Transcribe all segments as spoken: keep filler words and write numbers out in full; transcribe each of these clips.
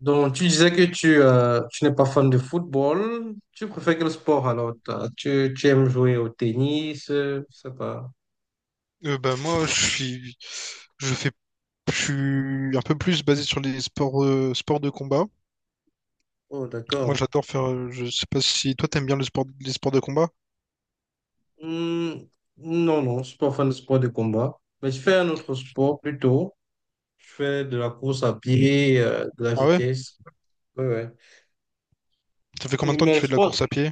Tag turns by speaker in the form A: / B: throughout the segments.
A: Donc, tu disais que tu, euh, tu n'es pas fan de football. Tu préfères quel sport alors? T'as- Tu, tu aimes jouer au tennis? euh, Je sais pas.
B: Euh, bah moi je suis je fais je suis un peu plus basé sur les sports euh, sports de combat.
A: Oh,
B: Moi
A: d'accord.
B: j'adore faire euh, je sais pas si toi t'aimes bien le sport les sports de combat.
A: Hmm, non, non, je suis pas fan de sport de combat. Mais je fais un autre sport plutôt. Je fais de la course à pied, euh, de la
B: Ah ouais?
A: vitesse. Ouais, ouais.
B: Ça fait combien
A: Et
B: de temps que
A: mais
B: tu
A: le
B: fais de la
A: sport,
B: course à pied?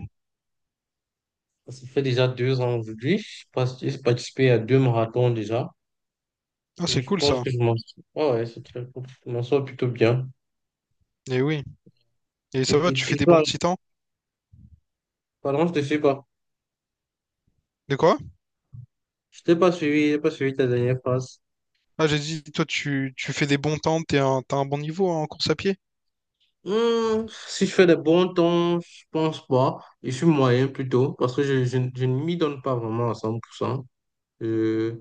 A: ça fait déjà deux ans aujourd'hui. J'ai parti- j'ai participé à deux marathons déjà.
B: Ah
A: Et
B: c'est
A: je
B: cool
A: pense
B: ça.
A: que je m'en sors. Ouais, ouais, c'est très cool. Je m'en sors plutôt bien.
B: Et oui. Et ça va,
A: Et, et,
B: tu fais
A: et
B: des bons
A: toi,
B: petits temps?
A: pardon, je te suis pas.
B: De quoi?
A: Je t'ai pas suivi, j'ai pas suivi ta dernière phrase.
B: Ah, j'ai dit, toi, tu, tu fais des bons temps, t'es un, t'as un bon niveau hein, en course à pied?
A: Hmm, si je fais des bons temps, je pense pas. Je suis moyen plutôt, parce que je, je, je ne m'y donne pas vraiment à cent pour cent. Euh,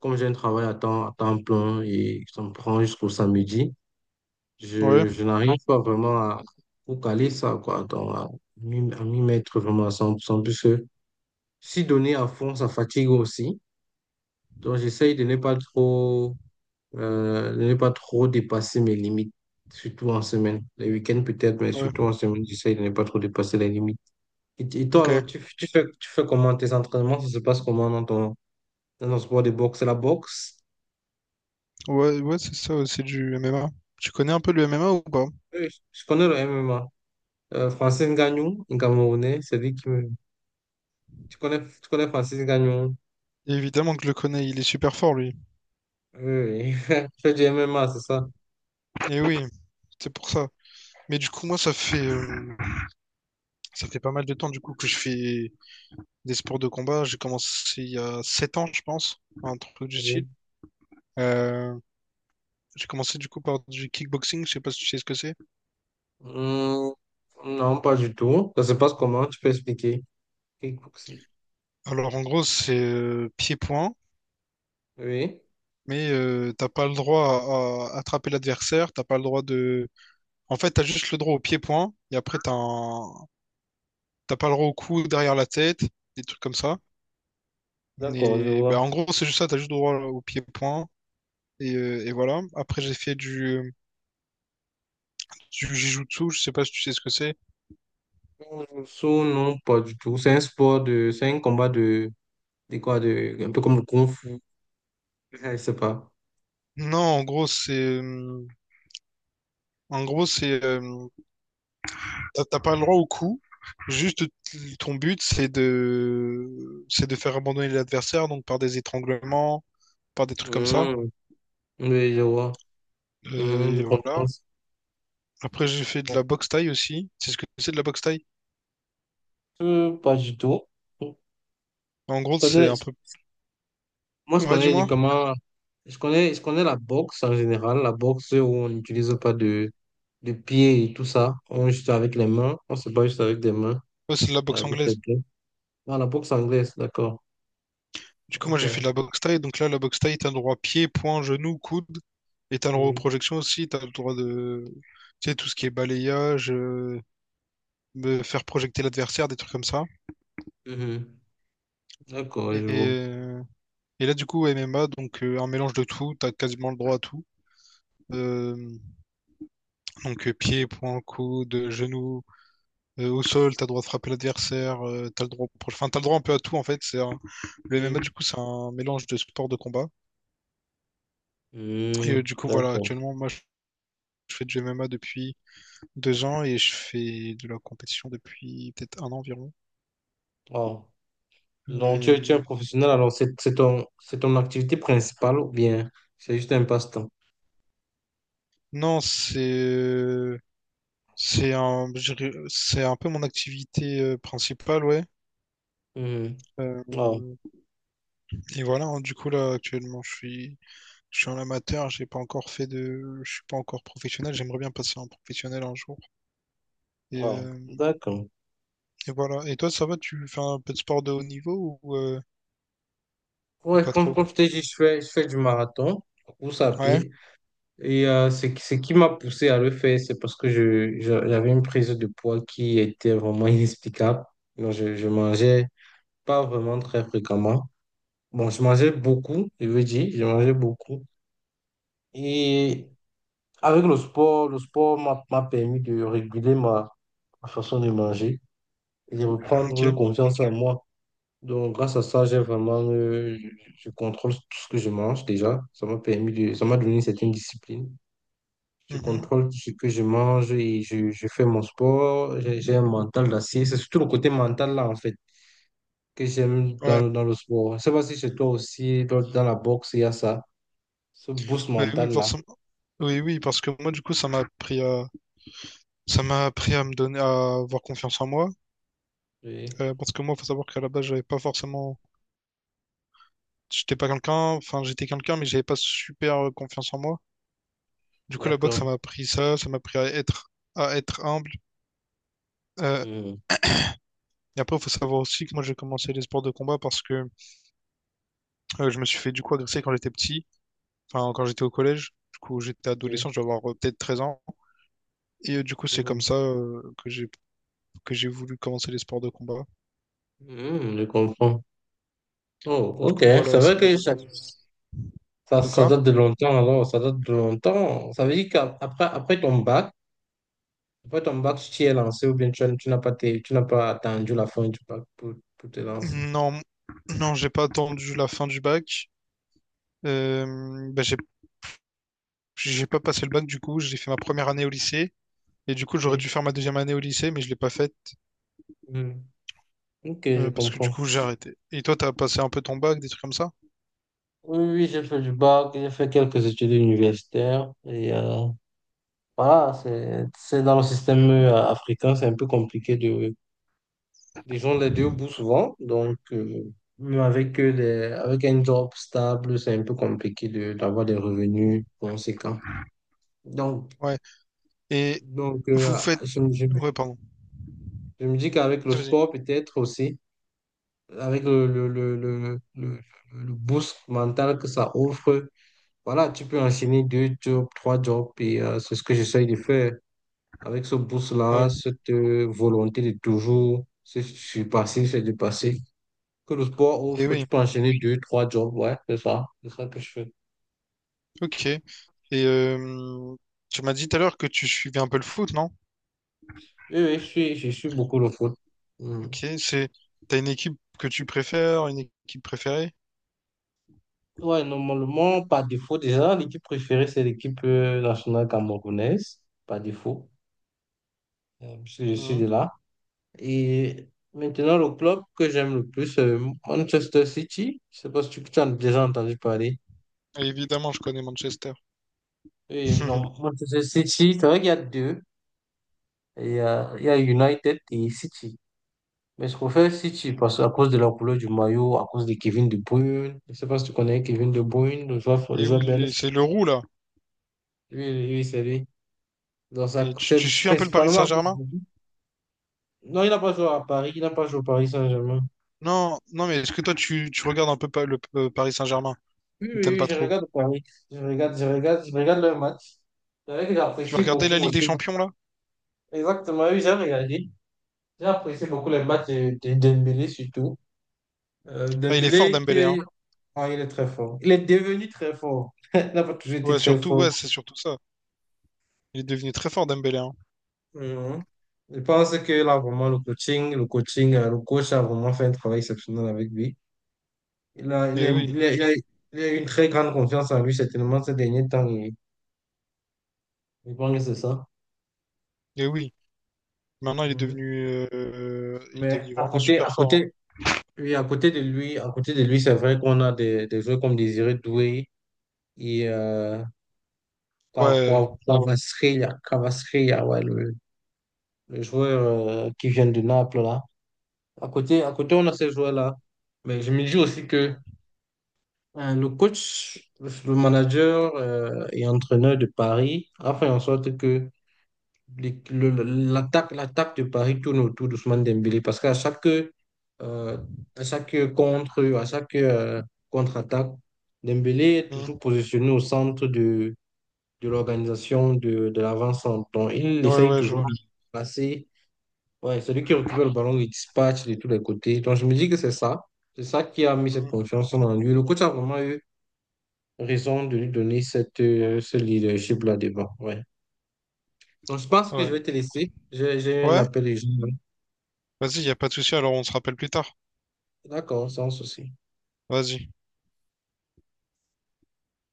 A: Comme j'ai un travail à temps, à temps plein et ça me prend jusqu'au samedi,
B: Ouais,
A: je, je n'arrive pas vraiment à caler ça, quoi, dans- à m'y à m'y mettre vraiment à cent pour cent, puisque si donner à fond, ça fatigue aussi. Donc j'essaye de ne pas trop Euh, de ne pas trop dépassé mes limites, surtout en semaine. Les week-ends peut-être, mais
B: ouais,
A: surtout en semaine, j'essaie de ne pas trop dépasser les limites. Et, et toi, alors,
B: ok.
A: tu, tu fais, tu fais comment tes entraînements? Ça se passe comment dans ton, dans ton sport de boxe? C'est la boxe?
B: Ouais, ouais, c'est ça, ouais, c'est du M M A. Tu connais un peu le M M A ou pas?
A: Oui, je je connais le M M A. Euh, Francis Ngannou, un Camerounais, c'est lui qui me... Tu connais, tu connais Francis Ngannou?
B: Évidemment que je le connais, il est super fort, lui.
A: Oui, oui. Je fais du M M A, c'est ça?
B: Et oui, c'est pour ça. Mais du coup, moi, ça fait, euh, ça fait pas mal de temps, du coup, que je fais des sports de combat. J'ai commencé il y a sept ans, je pense, un truc du style.
A: Oui.
B: Euh, J'ai commencé du coup par du kickboxing, je sais pas si tu sais ce que c'est.
A: Hum, non, pas du tout. Ça se passe comment? Tu peux expliquer? Kickboxing.
B: Alors en gros, c'est euh, pied-point,
A: Oui,
B: mais euh, t'as pas le droit à, à attraper l'adversaire, t'as pas le droit de… En fait, t'as juste le droit au pied-point, et après t'as un… t'as pas le droit au coup derrière la tête, des trucs comme ça.
A: d'accord, je
B: Et
A: vois.
B: bah, en gros, c'est juste ça, t'as juste le droit au pied-point, et, euh, et voilà. Après, j'ai fait du, du jujutsu, je sais pas si tu sais ce que c'est.
A: Saut, non, pas du tout. C'est un sport de. C'est un combat de. De quoi de, un peu comme le Kung Fu. Ah, je sais pas.
B: Non, en gros, c'est... euh, En gros, c'est… euh, T'as t'as pas le droit au coup. Juste t- ton but, c'est de c'est de faire abandonner l'adversaire, donc par des étranglements, par des trucs comme ça.
A: Mmh, oui, je vois. Mmh, je
B: Euh,
A: comprends.
B: voilà. Après, j'ai fait de
A: Ouais.
B: la boxe thaï aussi. C'est ce que c'est de la boxe thaï.
A: Euh, pas du tout. Je
B: En gros, c'est
A: connais,
B: un
A: je-
B: peu.
A: moi, je
B: Ouais,
A: connais
B: dis-moi.
A: uniquement. Je connais, je connais la boxe en général. La boxe où on n'utilise pas de, de pieds et tout ça. On est juste avec les mains. On se bat juste avec des mains
B: Ouais, c'est de la
A: et
B: boxe
A: avec les
B: anglaise.
A: pieds. Ah, la boxe anglaise, d'accord.
B: Du coup, moi,
A: Ok.
B: j'ai fait de la boxe thaï. Donc là, la boxe thaï, t'as le droit pied, poing, genou, coude. Et t'as le droit aux
A: Oui.
B: projections aussi. T'as le droit de. Tu sais, tout ce qui est balayage, euh, de faire projeter l'adversaire, des trucs comme ça.
A: Mhm. D'accord,
B: Et.
A: je vois.
B: euh, Et là, du coup, M M A, donc euh, un mélange de tout, t'as quasiment le droit à tout. Euh, donc euh, Pied, poing, coude, genou, euh, au sol, t'as le droit de frapper l'adversaire, euh, t'as le droit, enfin t'as le droit un peu à tout en fait. C'est un- le M M A
A: Mmh.
B: du coup, c'est un mélange de sport de combat. Et
A: Mmh,
B: euh, du coup, voilà,
A: d'accord.
B: actuellement, moi, je je fais du M M A depuis deux ans et je fais de la compétition depuis peut-être un an environ.
A: Oh. Donc, tu es, tu
B: Euh,
A: es professionnel, alors c'est c'est ton, c'est ton activité principale ou bien c'est juste un passe-temps?
B: non, c'est euh, c'est un, je dirais- c'est un peu mon activité euh, principale, ouais.
A: Mhm. Oh,
B: Euh, Et voilà, hein, du coup là actuellement je suis je suis en amateur, j'ai pas encore fait de je suis pas encore professionnel, j'aimerais bien passer en professionnel un jour. Et,
A: oh,
B: euh,
A: d'accord.
B: et voilà. Et toi ça va, tu fais un peu de sport de haut niveau ou, euh, ou
A: Ouais,
B: pas
A: comme,
B: trop?
A: comme je t'ai dit, je fais, je fais du marathon, course à
B: Ouais,
A: pied. Et euh, ce, qui- ce qui m'a poussé à le faire, c'est parce que je, je- j'avais une prise de poids qui était vraiment inexplicable. Donc, je, je mangeais pas vraiment très fréquemment. Bon, je mangeais beaucoup, je veux dire, je mangeais beaucoup. Et avec le sport, le sport m'a m'a permis de réguler ma, ma façon de manger et de reprendre
B: ok.
A: confiance en moi. Donc, grâce à ça, j'ai vraiment, euh, je, je contrôle tout ce que je mange déjà. Ça m'a permis de, ça m'a donné une certaine discipline. Je
B: Mhm.
A: contrôle tout ce que je mange et je, je fais mon sport. J'ai j'ai un mental d'acier. C'est surtout le côté mental là, en fait, que j'aime
B: Ouais.
A: dans, dans le sport. Je ne sais pas si chez toi aussi, dans, dans la boxe, il y a ça, ce boost
B: Oui, oui,
A: mental là.
B: forcément. Oui, oui, parce que moi du coup ça m'a appris à ça m'a appris à me donner à avoir confiance en moi.
A: Oui,
B: Euh, parce que moi, faut savoir qu'à la base, j'avais pas forcément j'étais pas quelqu'un, enfin j'étais quelqu'un, mais j'avais pas super euh, confiance en moi. Du coup, la boxe, ça
A: d'accord.
B: m'a appris ça, ça m'a appris à être, à être humble. Euh,
A: Mhm.
B: et après, il faut savoir aussi que moi, j'ai commencé les sports de combat parce que euh, je me suis fait du coup agresser quand j'étais petit, enfin, quand j'étais au collège. Du coup, j'étais
A: Oui.
B: adolescent, je dois avoir euh, peut-être treize ans. Et euh, du coup, c'est comme
A: Mhm.
B: ça euh, que j'ai que j'ai voulu commencer les sports de combat.
A: Hmm, je comprends. Oh,
B: Du
A: ok.
B: coup,
A: C'est
B: voilà,
A: vrai
B: ça m'a
A: que
B: donné
A: ça, ça,
B: de
A: ça
B: quoi?
A: date de longtemps, alors. Ça date de longtemps. Ça veut dire qu'après après ton bac, après ton bac, tu t'es lancé ou bien tu, as- tu n'as pas, été- tu n'as pas attendu la fin du bac pour, pour te lancer.
B: Non, non, j'ai pas attendu la fin du bac. Euh, bah, j'ai j'ai pas passé le bac, du coup, j'ai fait ma première année au lycée. Et du coup, j'aurais
A: Oui.
B: dû faire ma deuxième année au lycée, mais je l'ai pas faite.
A: Hmm. Ok, je
B: Euh, parce que du
A: comprends.
B: coup, j'ai arrêté. Et toi, t'as passé un peu ton bac, des trucs comme ça?
A: Oui, oui, oui, j'ai fait du bac, j'ai fait quelques études universitaires. Et euh, voilà, c'est, c'est dans le système euh, africain, c'est un peu compliqué de. Ils ont les deux bouts souvent, donc euh, mais avec, euh, les- avec un job stable, c'est un peu compliqué de- d'avoir des revenus conséquents. Donc,
B: Ouais. Et
A: donc euh,
B: vous faites…
A: je, me je me-
B: Ouais, pardon.
A: je me dis qu'avec le
B: Vas-y, vas-y.
A: sport, peut-être aussi, avec le, le, le, le, le, le boost mental que ça offre, voilà, tu peux enchaîner deux jobs, trois jobs, et euh, c'est ce que j'essaye de faire. Avec ce
B: Ouais.
A: boost-là, cette euh, volonté de toujours se surpasser, se dépasser. Que le sport
B: Et
A: offre,
B: oui.
A: tu peux enchaîner deux, trois jobs, ouais, c'est ça, c'est ça que je fais.
B: Ok. Et euh, tu m'as dit tout à l'heure que tu suivais un peu le foot, non?
A: Oui, oui, je suis, je suis beaucoup le foot. Hmm.
B: Ok, c'est t'as une équipe que tu préfères, une équipe préférée?
A: Ouais, normalement, par défaut, déjà, l'équipe préférée, c'est l'équipe euh, nationale camerounaise, par défaut, euh, parce que je suis de
B: Mhm.
A: là. Et maintenant, le club que j'aime le plus, c'est Manchester City. Je sais pas si tu, tu as déjà entendu parler.
B: Et évidemment, je connais Manchester.
A: Oui, donc Manchester City, c'est vrai qu'il y a deux. Il y a, il y a United et City. Mais ce qu'on fait, si tu passes à cause de la couleur du maillot, à cause de Kevin De Bruyne, je ne sais pas si tu connais Kevin De Bruyne, le joueur, le
B: Et
A: joueur
B: oui, les-
A: belge.
B: c'est le roux là.
A: Oui, oui c'est lui. Donc, ça,
B: Et tu,
A: c'est
B: tu suis un peu le Paris
A: principalement à cause
B: Saint-Germain?
A: de lui. Non, il n'a pas joué à Paris, il n'a pas joué au Paris Saint-Germain.
B: Non, non, mais est-ce que toi tu, tu regardes un peu pa- le euh, Paris Saint-Germain
A: Oui, oui,
B: ou t'aimes
A: oui,
B: pas
A: je
B: trop?
A: regarde Paris. Je regarde, je regarde, je regarde le match. C'est vrai que
B: Tu vas
A: j'apprécie
B: regarder la
A: beaucoup
B: Ligue des
A: aussi.
B: Champions là?
A: Exactement, oui, j'ai regardé. J'ai apprécié beaucoup les matchs de, de Dembélé surtout. Euh,
B: Ah, il est fort
A: Dembélé,
B: Dembélé, hein.
A: qui... Ah, il est très fort. Il est devenu très fort. Il n'a pas toujours été
B: Ouais,
A: très
B: surtout,
A: fort.
B: ouais, c'est surtout ça. Il est devenu très fort Dembélé, hein.
A: Mhm. Je pense que là, vraiment, le coaching, le coaching, euh, le coach a vraiment fait un travail exceptionnel avec lui. Il a, il
B: Et
A: est-
B: oui,
A: il est- il a- il a une très grande confiance en lui, certainement, ces derniers temps. Et, je pense que c'est ça.
B: et oui. Maintenant, il est
A: Mhm.
B: devenu, euh, euh, il est
A: Mais
B: devenu
A: à
B: vraiment
A: côté,
B: super
A: à
B: fort, hein.
A: côté, oui, à côté de lui, à côté de lui, c'est vrai qu'on a des, des joueurs comme Désiré Doué et euh, Kwa-
B: Ouais.
A: Kwa- Kwavaskhlia- Kwavaskhlia, ouais, le, le joueur euh, qui vient de Naples, là. À côté, à côté, on a ces joueurs-là. Mais je me dis aussi que Euh, Le coach, le manager euh, et entraîneur de Paris a fait en sorte que les- le- le- l'attaque, l'attaque de Paris tourne autour d'Ousmane Dembélé parce qu'à chaque, euh, à chaque contre, à chaque euh, contre-attaque, Dembélé est
B: Mm.
A: toujours positionné au centre de, de l'organisation de, de l'avant-centre. Donc, il
B: Ouais,
A: essaye
B: ouais, je
A: toujours
B: vois.
A: de passer. Ouais, c'est lui qui récupère le ballon, il dispatche de tous les côtés. Donc, je me dis que c'est ça. C'est ça qui a mis cette
B: Mm.
A: confiance en lui. Le coach a vraiment eu raison de lui donner cette, euh, ce leadership-là devant. Ouais. Donc, je pense que je
B: Ouais.
A: vais te laisser. J'ai j'ai eu un
B: Ouais.
A: appel. et je-
B: Vas-y, y a pas de souci. Alors, on se rappelle plus tard.
A: D'accord, sans souci.
B: Vas-y.